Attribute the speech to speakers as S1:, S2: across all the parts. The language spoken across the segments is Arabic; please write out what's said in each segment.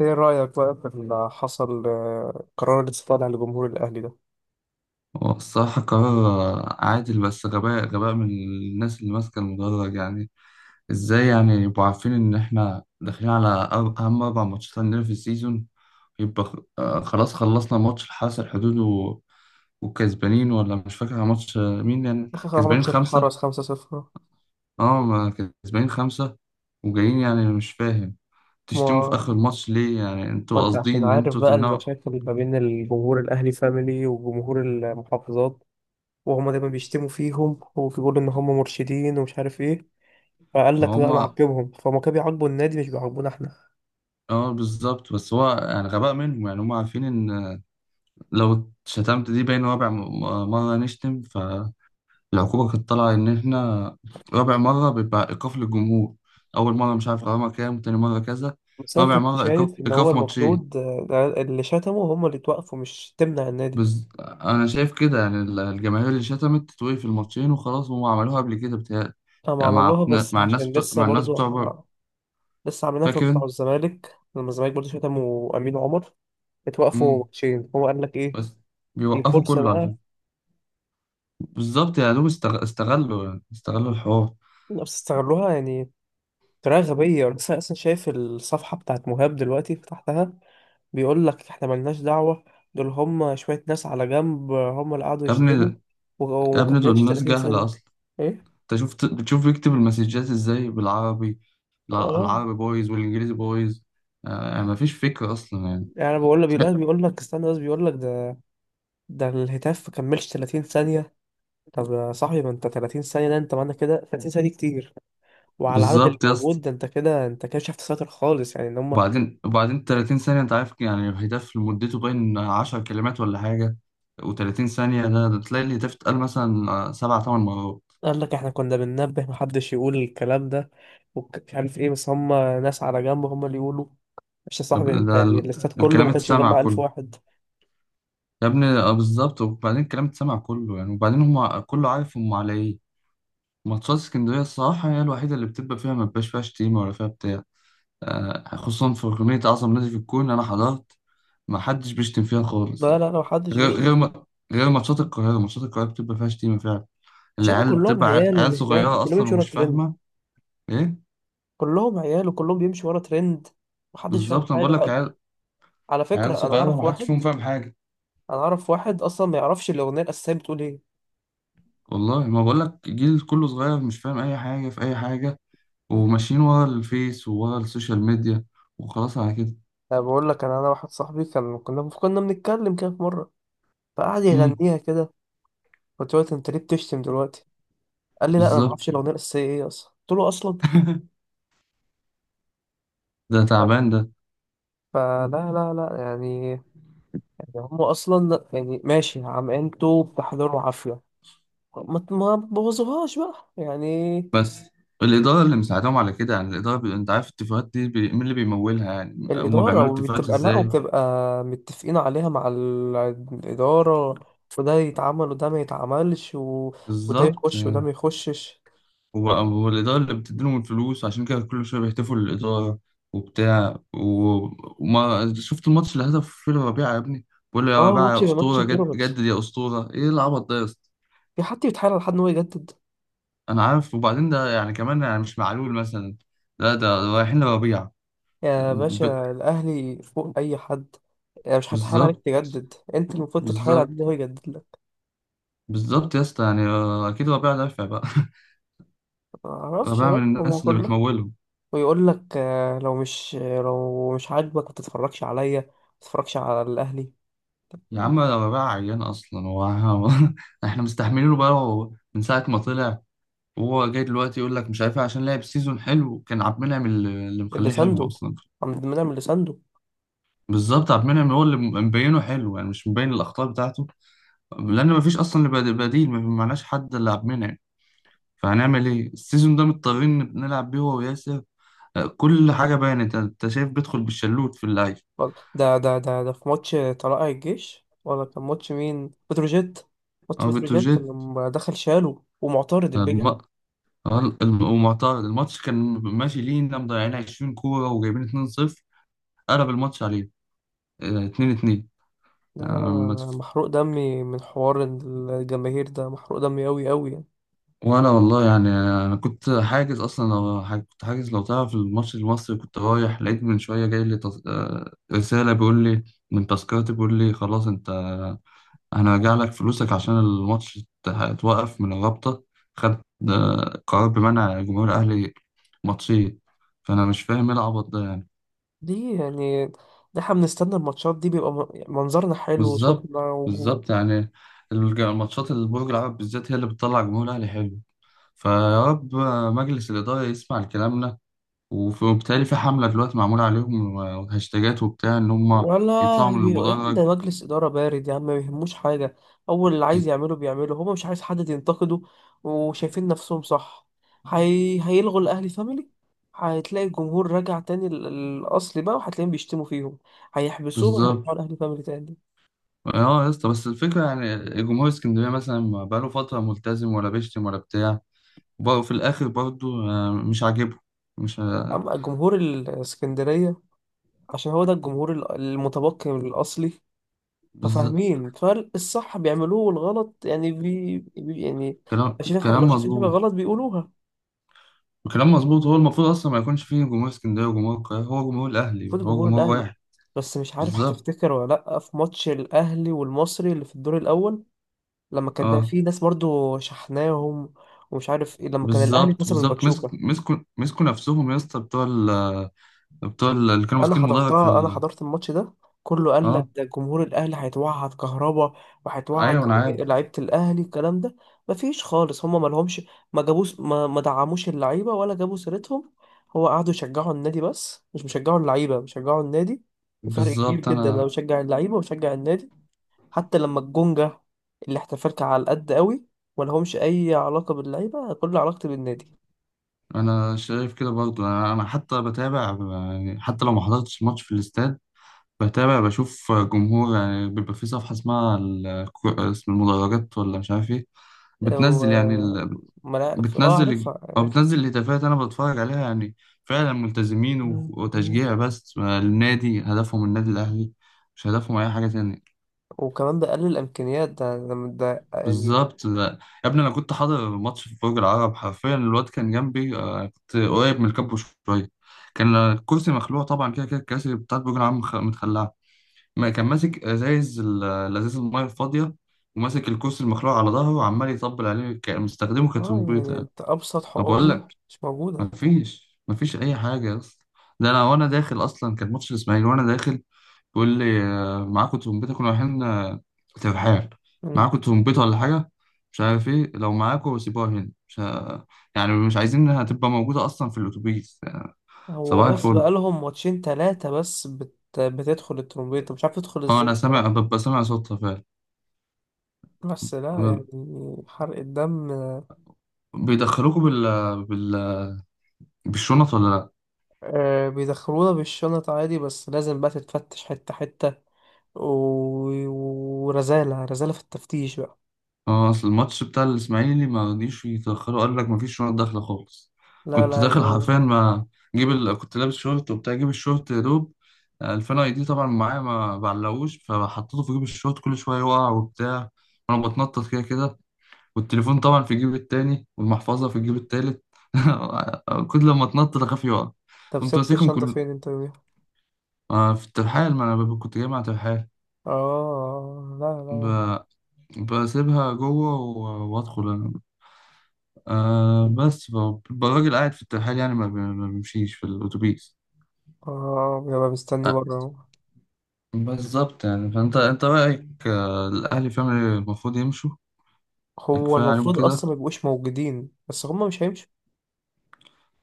S1: ايه رأيك بقى في اللي حصل قرار الاستقالة لجمهور الأهلي ده؟
S2: هو الصراحة قرار عادل، بس غباء غباء من الناس اللي ماسكة المدرج يعني. ازاي يعني يبقوا عارفين إن احنا داخلين على أهم أربع ماتشات عندنا في السيزون؟ يبقى خلاص، خلصنا ماتش الحرس الحدود و... وكسبانين، ولا مش فاكر ماتش مين، يعني
S1: آخر
S2: كسبانين
S1: ماتش
S2: خمسة.
S1: الحرس 5-0.
S2: اه ما كسبانين خمسة وجايين، يعني مش فاهم تشتموا في
S1: ما
S2: آخر الماتش ليه؟ يعني
S1: ما
S2: انتوا
S1: أنت
S2: قاصدين
S1: عشان
S2: إن
S1: عارف
S2: انتوا
S1: بقى
S2: تمنعوا؟
S1: المشاكل ما بين الجمهور الأهلي فاميلي وجمهور المحافظات، وهما دايما بيشتموا فيهم وبيقولوا إن هما مرشدين ومش عارف إيه. فقال
S2: ما
S1: لك لا
S2: هما.
S1: نعاقبهم، فهم كانوا بيعاقبوا النادي مش بيعاقبونا إحنا.
S2: اه بالظبط، بس هو يعني غباء منهم، يعني هما عارفين إن لو شتمت دي باين رابع مرة نشتم فالعقوبة كانت طالعة إن إحنا رابع مرة بيبقى إيقاف للجمهور. أول مرة مش عارف غرامة كام، تاني مرة كذا،
S1: بس أنا
S2: رابع
S1: كنت
S2: مرة إيقاف
S1: شايف إن هو
S2: إيقاف ماتشين.
S1: المفروض ده اللي شتموا هما اللي توقفوا، مش تمنع النادي.
S2: أنا شايف كده يعني الجماهير اللي شتمت تتوقف الماتشين وخلاص، هم عملوها قبل كده بتهيألي.
S1: هم
S2: يعني مع
S1: عملوها بس
S2: مع الناس
S1: عشان
S2: بتوع
S1: لسه
S2: مع الناس
S1: برضو
S2: بتوع بره.
S1: لسه عاملينها في
S2: فاكر
S1: بتاع
S2: أنت؟
S1: الزمالك، لما الزمالك برضه شتموا امين عمر اتوقفوا
S2: مم.
S1: ماتشين. هو قال لك ايه؟
S2: بس
S1: دي
S2: بيوقفوا
S1: فرصه
S2: كله على
S1: بقى.
S2: فكرة. بالظبط، يا دوب استغلوا الحوار.
S1: بس استغلوها يعني بطريقه غبيه. انا لسه اصلا شايف الصفحه بتاعت مهاب دلوقتي، فتحتها. بيقول لك احنا ملناش دعوه، دول هم شويه ناس على جنب هم اللي قعدوا
S2: يا ابني،
S1: يشتموا
S2: يا
S1: وما
S2: ابني، دول
S1: كملتش
S2: ناس
S1: 30
S2: جهلة
S1: ثانيه.
S2: أصلا.
S1: ايه؟
S2: انت شفت بتشوف يكتب المسجات ازاي بالعربي؟ لا،
S1: اه
S2: العربي بايظ والانجليزي بايظ. مفيش فكرة اصلا يعني.
S1: يعني أنا بقول لك بيقول بيقول لك استنى، بس بيقول لك ده. ده الهتاف ما كملش 30 ثانيه. طب يا صاحبي ما انت 30 ثانيه ده، انت معنى كده 30 ثانيه دي كتير. وعلى العدد اللي
S2: بالظبط يا اسطى.
S1: موجود ده، انت كده انت كده شفت ساتر خالص، يعني ان هم.
S2: وبعدين 30 ثانية، انت عارف يعني الهتاف مدته باين 10 كلمات ولا حاجة، و30 ثانية ده تلاقي الهتاف اتقال مثلا سبع تمن مرات.
S1: قال لك احنا كنا بننبه محدش يقول الكلام ده ومش عارف ايه، بس هم ناس على جنب هم اللي يقولوا. مش يا
S2: طب
S1: صاحبي انت،
S2: ده
S1: يعني الاستاد كله
S2: الكلام
S1: ما كانش
S2: اتسمع
S1: مجمع 1000
S2: كله.
S1: واحد.
S2: يا ابني بالظبط، وبعدين الكلام اتسمع كله يعني، وبعدين هم كله عارف هم على ايه. ماتشات اسكندرية الصراحة هي الوحيدة اللي بتبقى فيها، ما بيبقاش فيها شتيمة ولا فيها بتاع. خصوصا في أغنية أعظم نادي في الكون، أنا حضرت ما حدش بيشتم فيها خالص
S1: لا،
S2: يعني.
S1: لا، لا، محدش
S2: غير غير
S1: بيشتم.
S2: ما غير ماتشات القاهرة بتبقى فيها شتيمة فعلا.
S1: عشان هما
S2: العيال
S1: كلهم
S2: بتبقى عيال
S1: عيال،
S2: عيال
S1: اللي هناك
S2: صغيرة
S1: كلهم
S2: أصلا
S1: بيمشوا ورا
S2: ومش
S1: ترند.
S2: فاهمة إيه.
S1: كلهم عيال وكلهم بيمشوا ورا ترند. محدش فاهم
S2: بالظبط، أنا
S1: حاجة
S2: بقول لك
S1: خالص.
S2: عيال،
S1: على
S2: عيال
S1: فكرة
S2: صغيرة ما حدش فيهم فاهم حاجة.
S1: انا اعرف واحد اصلا ما يعرفش الاغنية الاساسية بتقول ايه.
S2: والله ما بقول لك جيل كله صغير مش فاهم أي حاجة في أي حاجة، وماشيين ورا الفيس وورا السوشيال ميديا، وخلاص على كده.
S1: انا بقول لك انا واحد صاحبي كان كنا كنا بنتكلم كده في مرة، فقعد
S2: امم.
S1: يغنيها كده. قلت له انت ليه بتشتم دلوقتي؟ قال لي لا انا ما
S2: بالظبط.
S1: اعرفش الاغنيه الاساسيه ايه اصلا. قلت له اصلا.
S2: ده تعبان ده.
S1: فلا، لا، لا، يعني هم اصلا يعني ماشي، عم انتوا بتحضروا عافيه. ما بوظوهاش بقى يعني.
S2: بس الإدارة اللي مساعدهم على كده يعني. الإدارة أنت عارف الاتفاقات دي مين اللي بيمولها؟ يعني هما
S1: الاداره،
S2: بيعملوا اتفاقات
S1: وبتبقى، لا،
S2: إزاي؟
S1: وبتبقى متفقين عليها مع الاداره، وده يتعمل وده ما يتعملش و... وده
S2: بالظبط
S1: يخش وده
S2: يعني.
S1: ما يخشش.
S2: هو الإدارة اللي بتديلهم الفلوس، عشان كده كل شوية بيهتفوا للإدارة وبتاع و... وما شفت الماتش اللي هدف فيه ربيعة يا ابني؟ بقول له يا
S1: اه
S2: ربيعة
S1: ماتش
S2: يا
S1: ماتش
S2: أسطورة،
S1: بيراميدز.
S2: جدد يا أسطورة، إيه العبط ده يا اسطى؟
S1: في حد بيتحايل على حد ان هو يجدد؟
S2: أنا عارف، وبعدين ده يعني كمان يعني مش معلول مثلا، لا ده رايحين لربيعة.
S1: يا
S2: ب...
S1: باشا الاهلي فوق اي حد، يعني مش هتحاول عليك
S2: بالظبط،
S1: تجدد، انت المفروض تتحايل على
S2: بالظبط،
S1: اللي هو يجدد لك.
S2: بالظبط يا اسطى، يعني أكيد ربيعة دافع بقى.
S1: ما
S2: أنا
S1: اعرفش
S2: بقى
S1: بقى
S2: من
S1: هو
S2: الناس اللي
S1: كله،
S2: بتمولهم.
S1: ويقول لك لو مش عاجبك ما تتفرجش عليا، ما تتفرجش على الاهلي. طب.
S2: يا عم ده بقى عيان اصلا هو. احنا مستحملينه بقى هو من ساعه ما طلع، وهو جاي دلوقتي يقول لك مش عارف إيه، عشان لعب سيزون حلو. كان عبد المنعم اللي
S1: اللي
S2: مخليه حلو
S1: سانده
S2: اصلا.
S1: عم بنعمل اللي سانده.
S2: بالظبط، عبد المنعم هو اللي مبينه حلو، يعني مش مبين الاخطاء بتاعته، لان مفيش اصلا بديل، ما معناش حد الا عبد المنعم. فهنعمل ايه؟ السيزون ده مضطرين نلعب بيه هو وياسر. كل حاجه بانت، انت شايف بيدخل بالشلوت في اللعيب
S1: ده في ماتش طلائع الجيش ولا كان ماتش مين؟ بتروجيت. ماتش
S2: او
S1: بتروجيت
S2: بتروجيت.
S1: لما دخل شاله ومعترض البجح.
S2: ومعترض الماتش كان ماشي لينا، مضيعين 20 كورة وجايبين 2-0، قلب الماتش عليه 2-2.
S1: لا، لا، لا، لا، محروق دمي من حوار الجماهير ده، محروق دمي أوي أوي يعني.
S2: وانا والله يعني انا كنت حاجز اصلا، لو كنت حاجز لو تعرف الماتش المصري كنت رايح، لقيت من شويه جاي لي تص... آه، رساله بيقول لي من تذكرتي بيقول لي خلاص انت هنرجع لك فلوسك عشان الماتش اتوقف من الرابطه. خدت قرار بمنع جمهور الاهلي ماتشين. فانا مش فاهم ايه العبط ده.
S1: دي يعني، ده احنا بنستنى الماتشات دي، بيبقى يعني منظرنا حلو
S2: بالظبط.
S1: وصوتنا وجو.
S2: بالظبط يعني. الماتشات اللي برج العرب بالذات هي اللي بتطلع جمهور الاهلي حلو. فيا رب مجلس الاداره يسمع لكلامنا. وبالتالي في حمله دلوقتي معموله عليهم وهاشتاجات وبتاع ان هم
S1: ولا
S2: يطلعوا من
S1: يا عم، ده
S2: المدرج.
S1: مجلس إدارة بارد يا عم، ما يهموش حاجة. أول اللي عايز
S2: بز-
S1: يعمله بيعمله، هما مش عايز حد ينتقده وشايفين نفسهم صح. هيلغوا الأهلي فاميلي، هتلاقي الجمهور راجع تاني، الأصلي بقى، وهتلاقيهم بيشتموا فيهم. هيحبسوهم، هيرجعوا
S2: بالظبط.
S1: الأهلي فاميلي تاني.
S2: اه يا اسطى، بس الفكره يعني، جمهور اسكندريه مثلا ما بقاله فتره ملتزم، ولا بيشتم ولا بتاع، وبرضه في الاخر برضه مش عاجبه. مش
S1: أما الجمهور الإسكندرية، عشان هو ده الجمهور المتبقي من الأصلي.
S2: بالظبط.
S1: ففاهمين، فالصح بيعملوه والغلط يعني بي... بي يعني.
S2: كلام
S1: لو شايفين حاجة، لو
S2: كلام
S1: شايفين حاجة
S2: مظبوط.
S1: غلط بيقولوها.
S2: الكلام مظبوط، هو المفروض اصلا ما يكونش فيه جمهور اسكندريه وجمهور القاهره، هو جمهور الاهلي
S1: المفروض
S2: هو
S1: جمهور
S2: جمهور
S1: الأهلي،
S2: واحد.
S1: بس مش عارف
S2: بالظبط.
S1: هتفتكر ولا لأ في ماتش الأهلي والمصري اللي في الدور الأول، لما كان بقى
S2: اه
S1: فيه ناس برضو شحناهم ومش عارف إيه، لما كان الأهلي
S2: بالظبط،
S1: خسر من
S2: بالظبط، مسك
S1: باتشوكا.
S2: مسكوا مسكوا نفسهم يا اسطى، بتوع ال، اللي كانوا
S1: انا
S2: ماسكين المدرج في
S1: حضرتها، انا
S2: ال.
S1: حضرت الماتش ده. كله قال لك
S2: اه
S1: ده جمهور الاهلي هيتوعد كهربا وهيتوعد
S2: ايوه انا عارف.
S1: جماهير- لعيبه الاهلي الكلام ده. مفيش خالص، هما ما لهمش، ما جابوش، ما دعموش اللعيبه ولا جابوا سيرتهم. هو قعدوا يشجعوا النادي، بس مش مشجعوا اللعيبه، بيشجعوا النادي. بفرق كبير
S2: بالظبط.
S1: جدا، انا
S2: انا
S1: بشجع اللعيبه وبشجع النادي. حتى لما الجونجا اللي احتفلت على القد قوي، ما لهمش اي علاقه باللعيبه، كل علاقتي بالنادي.
S2: انا شايف كده برضو، انا أنا حتى بتابع يعني، حتى لو ما حضرتش ماتش في الاستاد بتابع، بشوف جمهور. يعني بيبقى في صفحه اسمها اسم المدرجات، ولا مش عارف ايه،
S1: أه،
S2: بتنزل يعني،
S1: و- ما لا- اه
S2: بتنزل
S1: عارفها.
S2: او بتنزل الهتافات، انا بتفرج عليها يعني. فعلا ملتزمين وتشجيع، بس النادي هدفهم، النادي الاهلي، مش هدفهم اي حاجه تانية.
S1: وكمان ده قلل الامكانيات، ده يعني.
S2: بالظبط، لا. يا ابني انا كنت حاضر ماتش في برج العرب حرفيا، الواد كان جنبي كنت قريب من الكابو شويه، كان الكرسي مخلوع طبعا، كده كده الكراسي بتاعت برج العرب متخلعه. ما كان ماسك ازايز الازايز الميه الفاضيه، وماسك الكرسي المخلوع على ظهره وعمال يطبل عليه مستخدمه
S1: اه
S2: كترمبيطه.
S1: يعني انت ابسط
S2: انا بقول
S1: حقوقنا
S2: لك
S1: مش موجوده.
S2: مفيش اي حاجه يا اسطى. ده انا وانا داخل اصلا كان ماتش الاسماعيلي، وانا داخل بيقول لي معاكم ترومبيطه؟ كنا رايحين ترحال.
S1: مم.
S2: معاكم ترومبيطه ولا حاجه؟ مش عارف ايه. لو معاكم سيبوها هنا، مش يعني مش عايزين انها تبقى موجوده اصلا في الاتوبيس يعني.
S1: هو
S2: صباح
S1: بس
S2: الفل.
S1: بقالهم ماتشين ثلاثه بس بتدخل الترومبيته مش عارف تدخل
S2: اه
S1: ازاي
S2: انا سامع،
S1: بصراحه.
S2: ببقى سامع صوتها فعلا.
S1: بس لا يعني،
S2: ب-
S1: حرق الدم.
S2: بيدخلوكوا بال... بالشنط ولا؟
S1: آه، بيدخلونا بالشنط عادي، بس لازم بقى تتفتش حته حته و... ورزاله، رزاله في التفتيش بقى.
S2: اه، اصل الماتش بتاع الاسماعيلي ما رضيش يتاخروا، قال لك ما فيش شنط داخله خالص.
S1: لا،
S2: كنت
S1: لا.
S2: داخل حرفيا، ما كنت لابس شورت وبتاع، جيب الشورت يا دوب 2000 اي دي، طبعا معايا ما بعلقوش، فحطيته في جيب الشورت، كل شويه يقع وبتاع، وانا بتنطط كده كده، والتليفون طبعا في جيب التاني والمحفظه في الجيب التالت. كل لما اتنطط اخاف يقع.
S1: طب
S2: قمت
S1: سبت
S2: ماسكهم
S1: الشنطه
S2: كل
S1: فين انت يوميها؟
S2: في الترحال، ما انا كنت جاي مع ترحال،
S1: اه، لا، لا.
S2: ب... بسيبها جوه وادخل انا. آه بس ف- الراجل قاعد في الترحال يعني، ما بيمشيش في الأتوبيس.
S1: اه، بيبقى مستني
S2: آه
S1: بره اهو.
S2: بالظبط يعني. فأنت أنت رأيك الأهلي فعلا المفروض يمشوا. يعني
S1: هو
S2: كفاية عليهم
S1: المفروض
S2: كده.
S1: اصلا ما يبقوش موجودين، بس هما مش هيمشوا.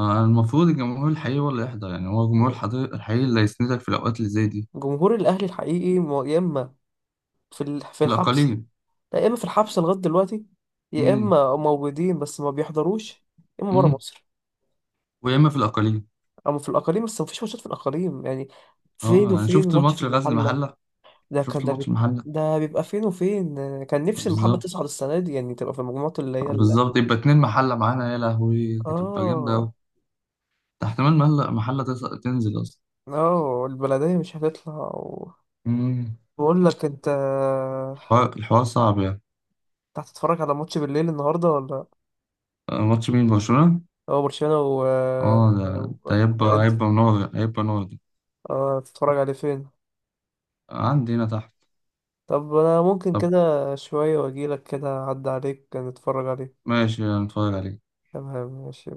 S2: المفروض الجمهور الحقيقي هو اللي يحضر، يعني هو الجمهور الحقيقي اللي هيسندك في الأوقات اللي زي دي.
S1: جمهور الاهلي الحقيقي يا اما في في
S2: في
S1: الحبس.
S2: الأقاليم.
S1: لا، يا اما في الحبس لغايه دلوقتي، يا
S2: امم.
S1: اما موجودين بس ما بيحضروش، يا اما بره
S2: امم.
S1: مصر.
S2: ويا إما في الأقاليم.
S1: اما في الاقاليم، بس ما فيش ماتشات في الاقاليم يعني.
S2: اه،
S1: فين
S2: أنا
S1: وفين
S2: شفت
S1: ماتش في
S2: ماتش غزل
S1: المحله.
S2: المحلة،
S1: ده كان
S2: شفت
S1: ده.
S2: الماتش المحلة.
S1: ده بيبقى فين وفين. كان نفسي المحله تصعد
S2: بالظبط.
S1: السنه دي يعني، تبقى في المجموعات اللي هي ال...
S2: بالظبط، يبقى اتنين محلة معانا، يا لهوي تبقى جامدة
S1: اه.
S2: أوي. ده احتمال محلة تنزل
S1: اه، البلديه مش هتطلع و...
S2: أصلا.
S1: بقول لك انت
S2: الحوار صعب يعني.
S1: انت هتتفرج على ماتش بالليل النهارده ولا؟
S2: ماتش مين؟ برشلونة؟
S1: هو برشلونة و...
S2: اه، ده
S1: و...
S2: هيبقى
S1: انتر.
S2: هيبقى نور هيبقى نور ده.
S1: اه، تتفرج عليه فين؟
S2: عندي هنا تحت.
S1: طب انا ممكن
S2: طب
S1: كده شوية واجيلك كده اعدي عليك نتفرج عليه.
S2: ماشي، هنتفرج عليه.
S1: تمام ماشي.